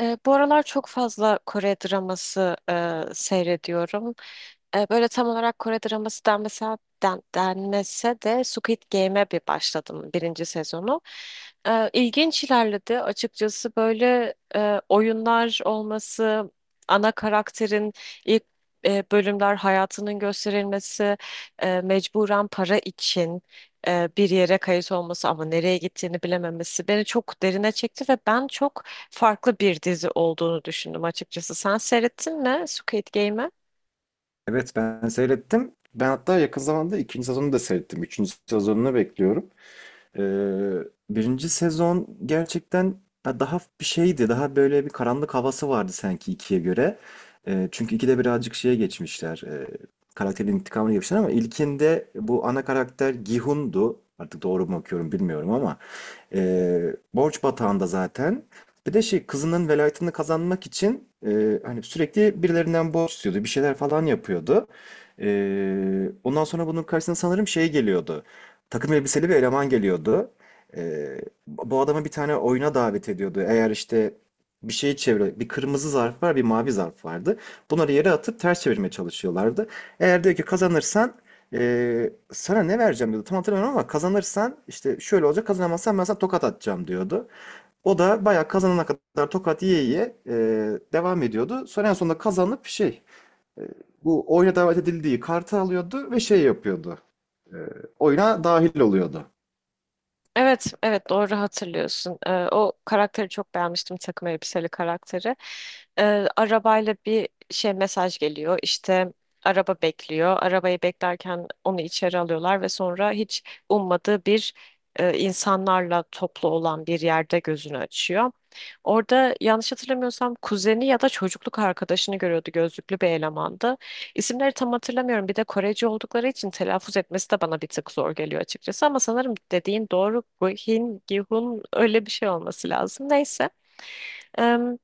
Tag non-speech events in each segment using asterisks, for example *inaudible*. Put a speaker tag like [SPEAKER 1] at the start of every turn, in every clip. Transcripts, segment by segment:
[SPEAKER 1] Bu aralar çok fazla Kore draması seyrediyorum. Böyle tam olarak Kore draması denmese de Squid Game'e bir başladım birinci sezonu. İlginç ilerledi. Açıkçası böyle oyunlar olması, ana karakterin ilk bölümler hayatının gösterilmesi, mecburen para için bir yere kayıt olması ama nereye gittiğini bilememesi beni çok derine çekti ve ben çok farklı bir dizi olduğunu düşündüm açıkçası. Sen seyrettin mi Squid Game'i?
[SPEAKER 2] Evet ben seyrettim. Ben hatta yakın zamanda ikinci sezonu da seyrettim. Üçüncü sezonunu bekliyorum. Ee, birinci sezon gerçekten ya daha bir şeydi. Daha böyle bir karanlık havası vardı sanki ikiye göre. Çünkü ikide birazcık şeye geçmişler. Karakterin intikamını yapmışlar ama ilkinde bu ana karakter Gihun'du. Artık doğru mu okuyorum bilmiyorum ama borç batağında zaten. Bir de şey kızının velayetini kazanmak için hani sürekli birilerinden borç istiyordu. Bir şeyler falan yapıyordu. Ondan sonra bunun karşısına sanırım şey geliyordu. Takım elbiseli bir eleman geliyordu. Ee, bu adama bir tane oyuna davet ediyordu. Eğer işte bir şeyi çevir, bir kırmızı zarf var, bir mavi zarf vardı. Bunları yere atıp ters çevirmeye çalışıyorlardı. Eğer diyor ki kazanırsan sana ne vereceğim diyordu. Tam hatırlamıyorum ama kazanırsan işte şöyle olacak. Kazanamazsan ben sana tokat atacağım diyordu. O da bayağı kazanana kadar tokat yiye yiye devam ediyordu. Sonra en sonunda kazanıp şey e, bu oyuna davet edildiği kartı alıyordu ve şey yapıyordu. E, oyuna dahil oluyordu.
[SPEAKER 1] Evet, evet doğru hatırlıyorsun. O karakteri çok beğenmiştim, takım elbiseli karakteri. Arabayla bir şey mesaj geliyor. İşte araba bekliyor. Arabayı beklerken onu içeri alıyorlar ve sonra hiç ummadığı bir insanlarla toplu olan bir yerde gözünü açıyor. Orada yanlış hatırlamıyorsam kuzeni ya da çocukluk arkadaşını görüyordu, gözlüklü bir elemandı. İsimleri tam hatırlamıyorum. Bir de Koreci oldukları için telaffuz etmesi de bana bir tık zor geliyor açıkçası. Ama sanırım dediğin doğru. Guhin, Gihun öyle bir şey olması lazım. Neyse. Em,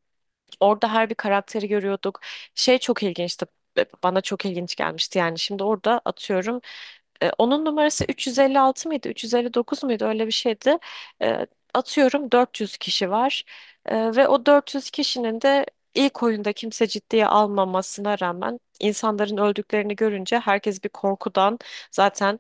[SPEAKER 1] Orada her bir karakteri görüyorduk. Şey çok ilginçti. Bana çok ilginç gelmişti yani. Şimdi orada atıyorum. Onun numarası 356 mıydı? 359 muydu? Öyle bir şeydi. E, Atıyorum 400 kişi var. Ve o 400 kişinin de ilk oyunda kimse ciddiye almamasına rağmen insanların öldüklerini görünce herkes bir korkudan zaten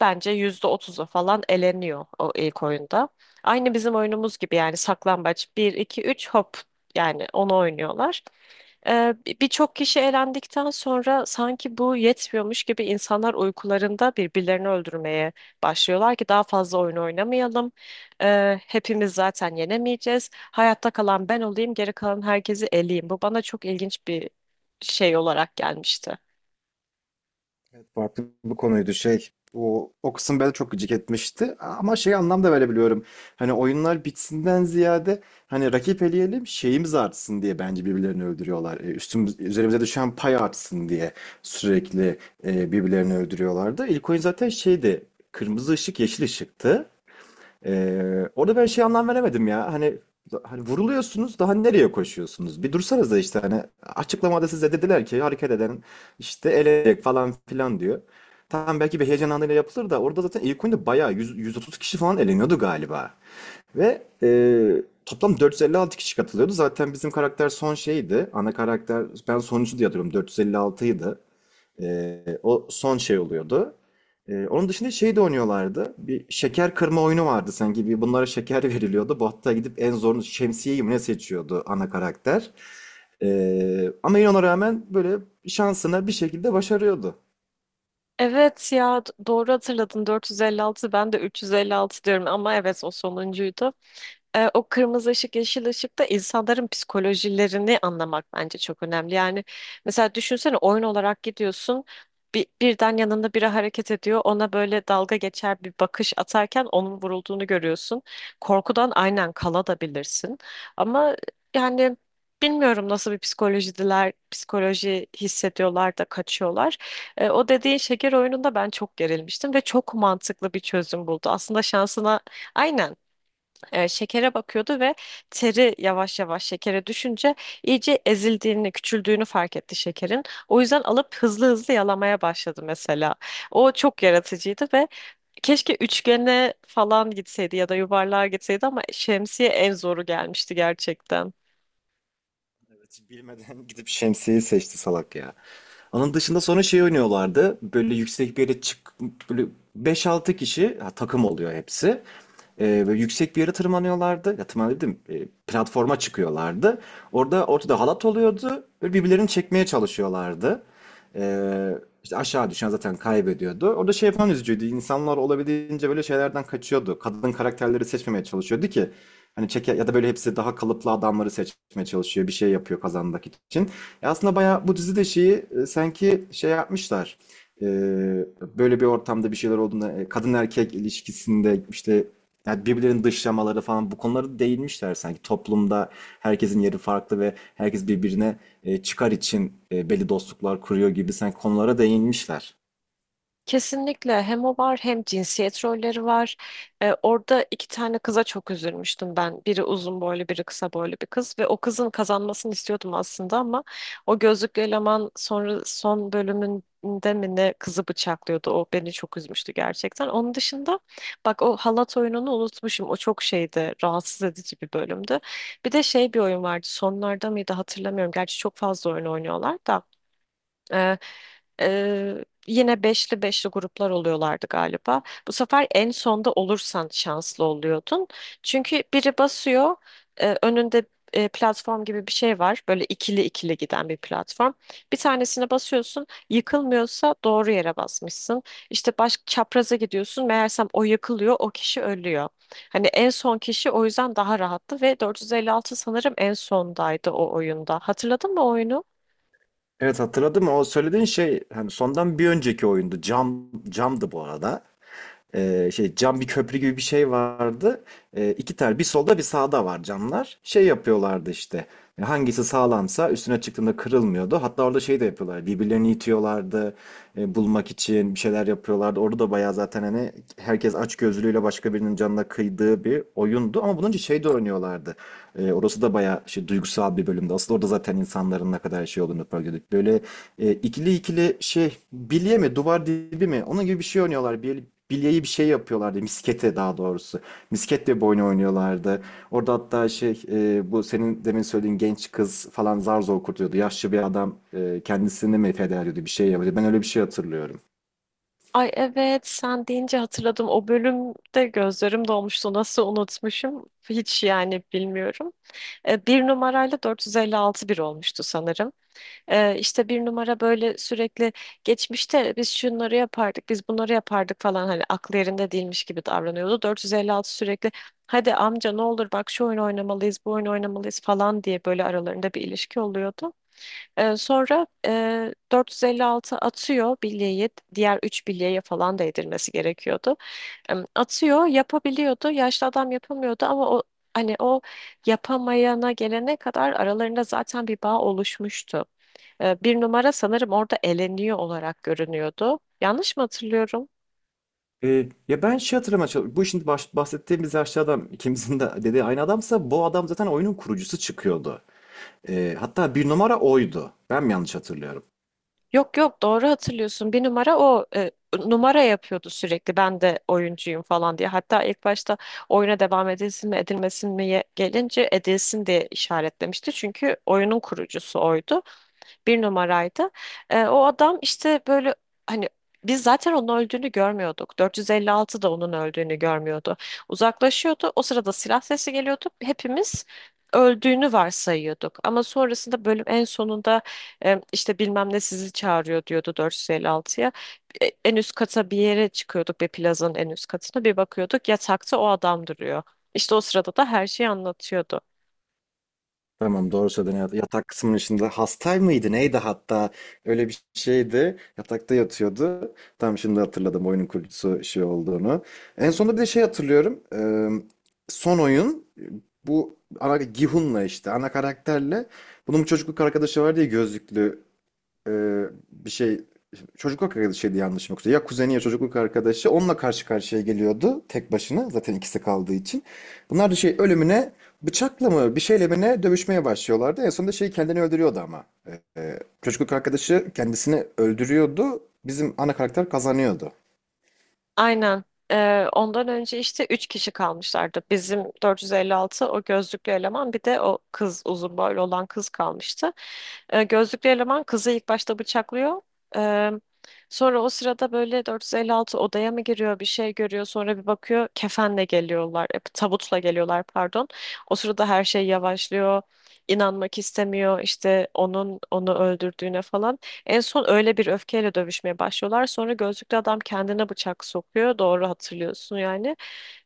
[SPEAKER 1] bence %30'a falan eleniyor o ilk oyunda. Aynı bizim oyunumuz gibi yani, saklambaç, bir 2 3 hop, yani onu oynuyorlar. Birçok kişi elendikten sonra sanki bu yetmiyormuş gibi insanlar uykularında birbirlerini öldürmeye başlıyorlar ki daha fazla oyun oynamayalım. Hepimiz zaten yenemeyeceğiz. Hayatta kalan ben olayım, geri kalan herkesi eleyeyim. Bu bana çok ilginç bir şey olarak gelmişti.
[SPEAKER 2] Farklı bir konuydu şey. O kısım beni çok gıcık etmişti. Ama şey anlamda verebiliyorum. Hani oyunlar bitsinden ziyade hani rakip eleyelim şeyimiz artsın diye bence birbirlerini öldürüyorlar. Üzerimize düşen pay artsın diye sürekli birbirlerini öldürüyorlardı. İlk oyun zaten şeydi. Kırmızı ışık yeşil ışıktı. Orada ben şey anlam veremedim ya. Hani vuruluyorsunuz daha nereye koşuyorsunuz? Bir dursanız da işte hani açıklamada size dediler ki hareket eden işte elecek falan filan diyor. Tamam belki bir heyecan anıyla yapılır da orada zaten ilk oyunda bayağı 100, 130 kişi falan eleniyordu galiba. Ve toplam 456 kişi katılıyordu. Zaten bizim karakter son şeydi. Ana karakter ben sonuncu diye hatırlıyorum 456 idi. O son şey oluyordu. Onun dışında şey de oynuyorlardı. Bir şeker kırma oyunu vardı sanki. Bir bunlara şeker *laughs* veriliyordu. Bu hatta gidip en zorunu şemsiyeyi mi ne seçiyordu ana karakter. Ama yine ona rağmen böyle şansına bir şekilde başarıyordu.
[SPEAKER 1] Evet ya doğru hatırladın, 456, ben de 356 diyorum ama evet o sonuncuydu. O kırmızı ışık, yeşil ışık da insanların psikolojilerini anlamak bence çok önemli. Yani mesela düşünsene, oyun olarak gidiyorsun. Birden yanında biri hareket ediyor. Ona böyle dalga geçer bir bakış atarken onun vurulduğunu görüyorsun. Korkudan aynen kala da bilirsin. Ama yani bilmiyorum, nasıl bir psikolojidiler, psikoloji hissediyorlar da kaçıyorlar. O dediğin şeker oyununda ben çok gerilmiştim ve çok mantıklı bir çözüm buldu. Aslında şansına, aynen, şekere bakıyordu ve teri yavaş yavaş şekere düşünce iyice ezildiğini, küçüldüğünü fark etti şekerin. O yüzden alıp hızlı hızlı yalamaya başladı mesela. O çok yaratıcıydı ve keşke üçgene falan gitseydi ya da yuvarlığa gitseydi ama şemsiye en zoru gelmişti gerçekten.
[SPEAKER 2] Evet, bilmeden *laughs* gidip şemsiyeyi seçti salak ya. Onun dışında sonra şey oynuyorlardı. Böyle yüksek bir yere çık böyle beş altı kişi ha, takım oluyor hepsi. Böyle yüksek bir yere tırmanıyorlardı. Ya tırmanıyor, platforma çıkıyorlardı. Orada ortada halat oluyordu. Böyle birbirlerini çekmeye çalışıyorlardı. Ee, işte aşağı düşen zaten kaybediyordu. Orada şey falan üzücüydü. İnsanlar olabildiğince böyle şeylerden kaçıyordu. Kadın karakterleri seçmemeye çalışıyordu ki hani çeke ya da böyle hepsi daha kalıplı adamları seçmeye çalışıyor. Bir şey yapıyor kazanmak için. Aslında bayağı bu dizide şeyi sanki şey yapmışlar. E, böyle bir ortamda bir şeyler olduğunda kadın erkek ilişkisinde işte yani birbirlerinin dışlamaları falan bu konuları değinmişler sanki. Toplumda herkesin yeri farklı ve herkes birbirine çıkar için belli dostluklar kuruyor gibi sanki konulara değinmişler.
[SPEAKER 1] Kesinlikle hem o var hem cinsiyet rolleri var. Orada iki tane kıza çok üzülmüştüm ben. Biri uzun boylu, biri kısa boylu bir kız ve o kızın kazanmasını istiyordum aslında ama o gözlüklü eleman sonra son bölümünde mi ne kızı bıçaklıyordu. O beni çok üzmüştü gerçekten. Onun dışında, bak, o halat oyununu unutmuşum. O çok şeydi, rahatsız edici bir bölümdü. Bir de şey bir oyun vardı. Sonlarda mıydı hatırlamıyorum. Gerçi çok fazla oyun oynuyorlar da. Ee, Yine beşli beşli gruplar oluyorlardı galiba. Bu sefer en sonda olursan şanslı oluyordun. Çünkü biri basıyor, önünde platform gibi bir şey var. Böyle ikili ikili giden bir platform. Bir tanesine basıyorsun, yıkılmıyorsa doğru yere basmışsın. İşte baş çapraza gidiyorsun, meğersem o yıkılıyor, o kişi ölüyor. Hani en son kişi o yüzden daha rahattı ve 456 sanırım en sondaydı o oyunda. Hatırladın mı o oyunu?
[SPEAKER 2] Evet, hatırladım. O söylediğin şey hani sondan bir önceki oyundu. Camdı bu arada. Şey cam bir köprü gibi bir şey vardı. İki tane bir solda bir sağda var camlar. Şey yapıyorlardı işte. Hangisi sağlamsa üstüne çıktığında kırılmıyordu. Hatta orada şey de yapıyorlar. Birbirlerini itiyorlardı. Bulmak için bir şeyler yapıyorlardı. Orada da bayağı zaten hani herkes açgözlülüğüyle başka birinin canına kıydığı bir oyundu. Ama bunun için şey de oynuyorlardı. Orası da bayağı şey duygusal bir bölümdü. Aslında orada zaten insanların ne kadar şey olduğunu fark ediyorduk. Böyle ikili ikili şey bilye mi duvar dibi mi onun gibi bir şey oynuyorlar. Bilyeyi bir şey yapıyorlardı. Miskete daha doğrusu. Misket diye bir oyun oynuyorlardı. Orada hatta şey bu senin demin söylediğin genç kız falan zar zor kurtuluyordu. Yaşlı bir adam kendisini mi feda ediyordu bir şey yapıyordu. Ben öyle bir şey hatırlıyorum.
[SPEAKER 1] Ay evet, sen deyince hatırladım. O bölümde gözlerim dolmuştu. Nasıl unutmuşum? Hiç yani bilmiyorum. Bir numarayla 456 bir olmuştu sanırım. İşte bir numara böyle sürekli geçmişte biz şunları yapardık, biz bunları yapardık falan, hani aklı yerinde değilmiş gibi davranıyordu. 456 sürekli hadi amca ne olur bak şu oyun oynamalıyız, bu oyun oynamalıyız falan diye, böyle aralarında bir ilişki oluyordu. Sonra 456 atıyor bilyeyi, diğer 3 bilyeye falan değdirmesi gerekiyordu. Atıyor, yapabiliyordu, yaşlı adam yapamıyordu ama o, hani, o yapamayana gelene kadar aralarında zaten bir bağ oluşmuştu. Bir numara sanırım orada eleniyor olarak görünüyordu. Yanlış mı hatırlıyorum?
[SPEAKER 2] Ya ben şey hatırlamaya çalışıyorum. Bu şimdi bahsettiğimiz yaşlı adam ikimizin de dediği aynı adamsa bu adam zaten oyunun kurucusu çıkıyordu. Hatta bir numara oydu. Ben mi yanlış hatırlıyorum?
[SPEAKER 1] Yok yok, doğru hatırlıyorsun. Bir numara o numara yapıyordu sürekli. Ben de oyuncuyum falan diye. Hatta ilk başta oyuna devam edilsin mi edilmesin mi gelince, edilsin diye işaretlemişti. Çünkü oyunun kurucusu oydu, bir numaraydı. O adam işte böyle, hani, biz zaten onun öldüğünü görmüyorduk. 456 da onun öldüğünü görmüyordu. Uzaklaşıyordu. O sırada silah sesi geliyordu. Hepimiz öldüğünü varsayıyorduk. Ama sonrasında bölüm en sonunda işte bilmem ne sizi çağırıyor diyordu 456'ya. En üst kata bir yere çıkıyorduk, bir plazanın en üst katına bir bakıyorduk, yatakta o adam duruyor. İşte o sırada da her şeyi anlatıyordu.
[SPEAKER 2] Tamam, doğru söyledin. Evet, yatak kısmının içinde hastay mıydı neydi hatta öyle bir şeydi. Yatakta yatıyordu. Tam şimdi hatırladım oyunun kurucusu şey olduğunu. En sonunda bir de şey hatırlıyorum. Son oyun bu ana Gihun'la işte ana karakterle bunun bir çocukluk arkadaşı var diye gözlüklü e, bir şey çocukluk arkadaşıydı yanlış yoksa ya kuzeni ya çocukluk arkadaşı onunla karşı karşıya geliyordu tek başına zaten ikisi kaldığı için. Bunlar da şey ölümüne bıçakla mı bir şeyle mi ne dövüşmeye başlıyorlardı. En sonunda şey kendini öldürüyordu ama. Çocukluk arkadaşı kendisini öldürüyordu. Bizim ana karakter kazanıyordu.
[SPEAKER 1] Aynen. Ondan önce işte 3 kişi kalmışlardı. Bizim 456, o gözlüklü eleman, bir de o kız, uzun boylu olan kız kalmıştı. Gözlüklü eleman kızı ilk başta bıçaklıyor. Ee, Sonra o sırada böyle 456 odaya mı giriyor bir şey görüyor, sonra bir bakıyor kefenle geliyorlar. Tabutla geliyorlar pardon. O sırada her şey yavaşlıyor. İnanmak istemiyor işte onun onu öldürdüğüne falan. En son öyle bir öfkeyle dövüşmeye başlıyorlar. Sonra gözlüklü adam kendine bıçak sokuyor. Doğru hatırlıyorsun yani.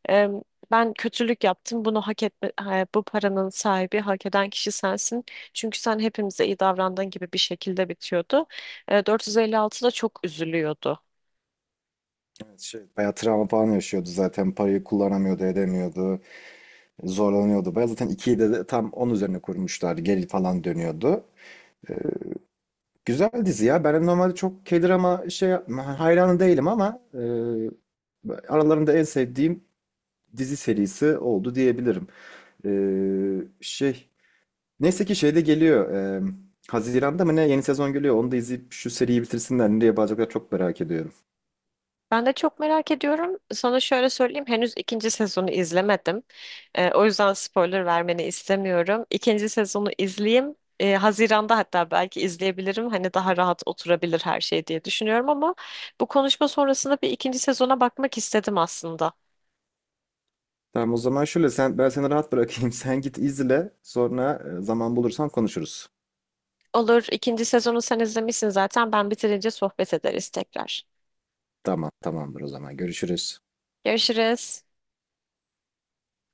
[SPEAKER 1] Ee, Ben kötülük yaptım. Bunu hak etme, ha, bu paranın sahibi, hak eden kişi sensin. Çünkü sen hepimize iyi davrandığın, gibi bir şekilde bitiyordu. 456 da çok üzülüyordu.
[SPEAKER 2] Evet, şey, bayağı travma falan yaşıyordu zaten. Parayı kullanamıyordu, edemiyordu. Zorlanıyordu. Bayağı zaten ikiyi de tam onun üzerine kurmuşlardı. Geri falan dönüyordu. Güzel dizi ya. Ben normalde çok K-drama hayranı değilim ama aralarında en sevdiğim dizi serisi oldu diyebilirim. E, şey neyse ki şeyde geliyor. Haziran'da mı ne yeni sezon geliyor. Onu da izleyip şu seriyi bitirsinler. Nereye bağlayacaklar çok merak ediyorum.
[SPEAKER 1] Ben de çok merak ediyorum. Sana şöyle söyleyeyim, henüz ikinci sezonu izlemedim. O yüzden spoiler vermeni istemiyorum. İkinci sezonu izleyeyim. Haziran'da hatta belki izleyebilirim. Hani daha rahat oturabilir her şey diye düşünüyorum ama bu konuşma sonrasında bir ikinci sezona bakmak istedim aslında.
[SPEAKER 2] Tamam, o zaman şöyle, sen ben seni rahat bırakayım. *laughs* Sen git izle. Sonra zaman bulursan konuşuruz.
[SPEAKER 1] Olur, ikinci sezonu sen izlemişsin zaten. Ben bitirince sohbet ederiz tekrar.
[SPEAKER 2] Tamam, tamamdır o zaman. Görüşürüz.
[SPEAKER 1] Görüşürüz.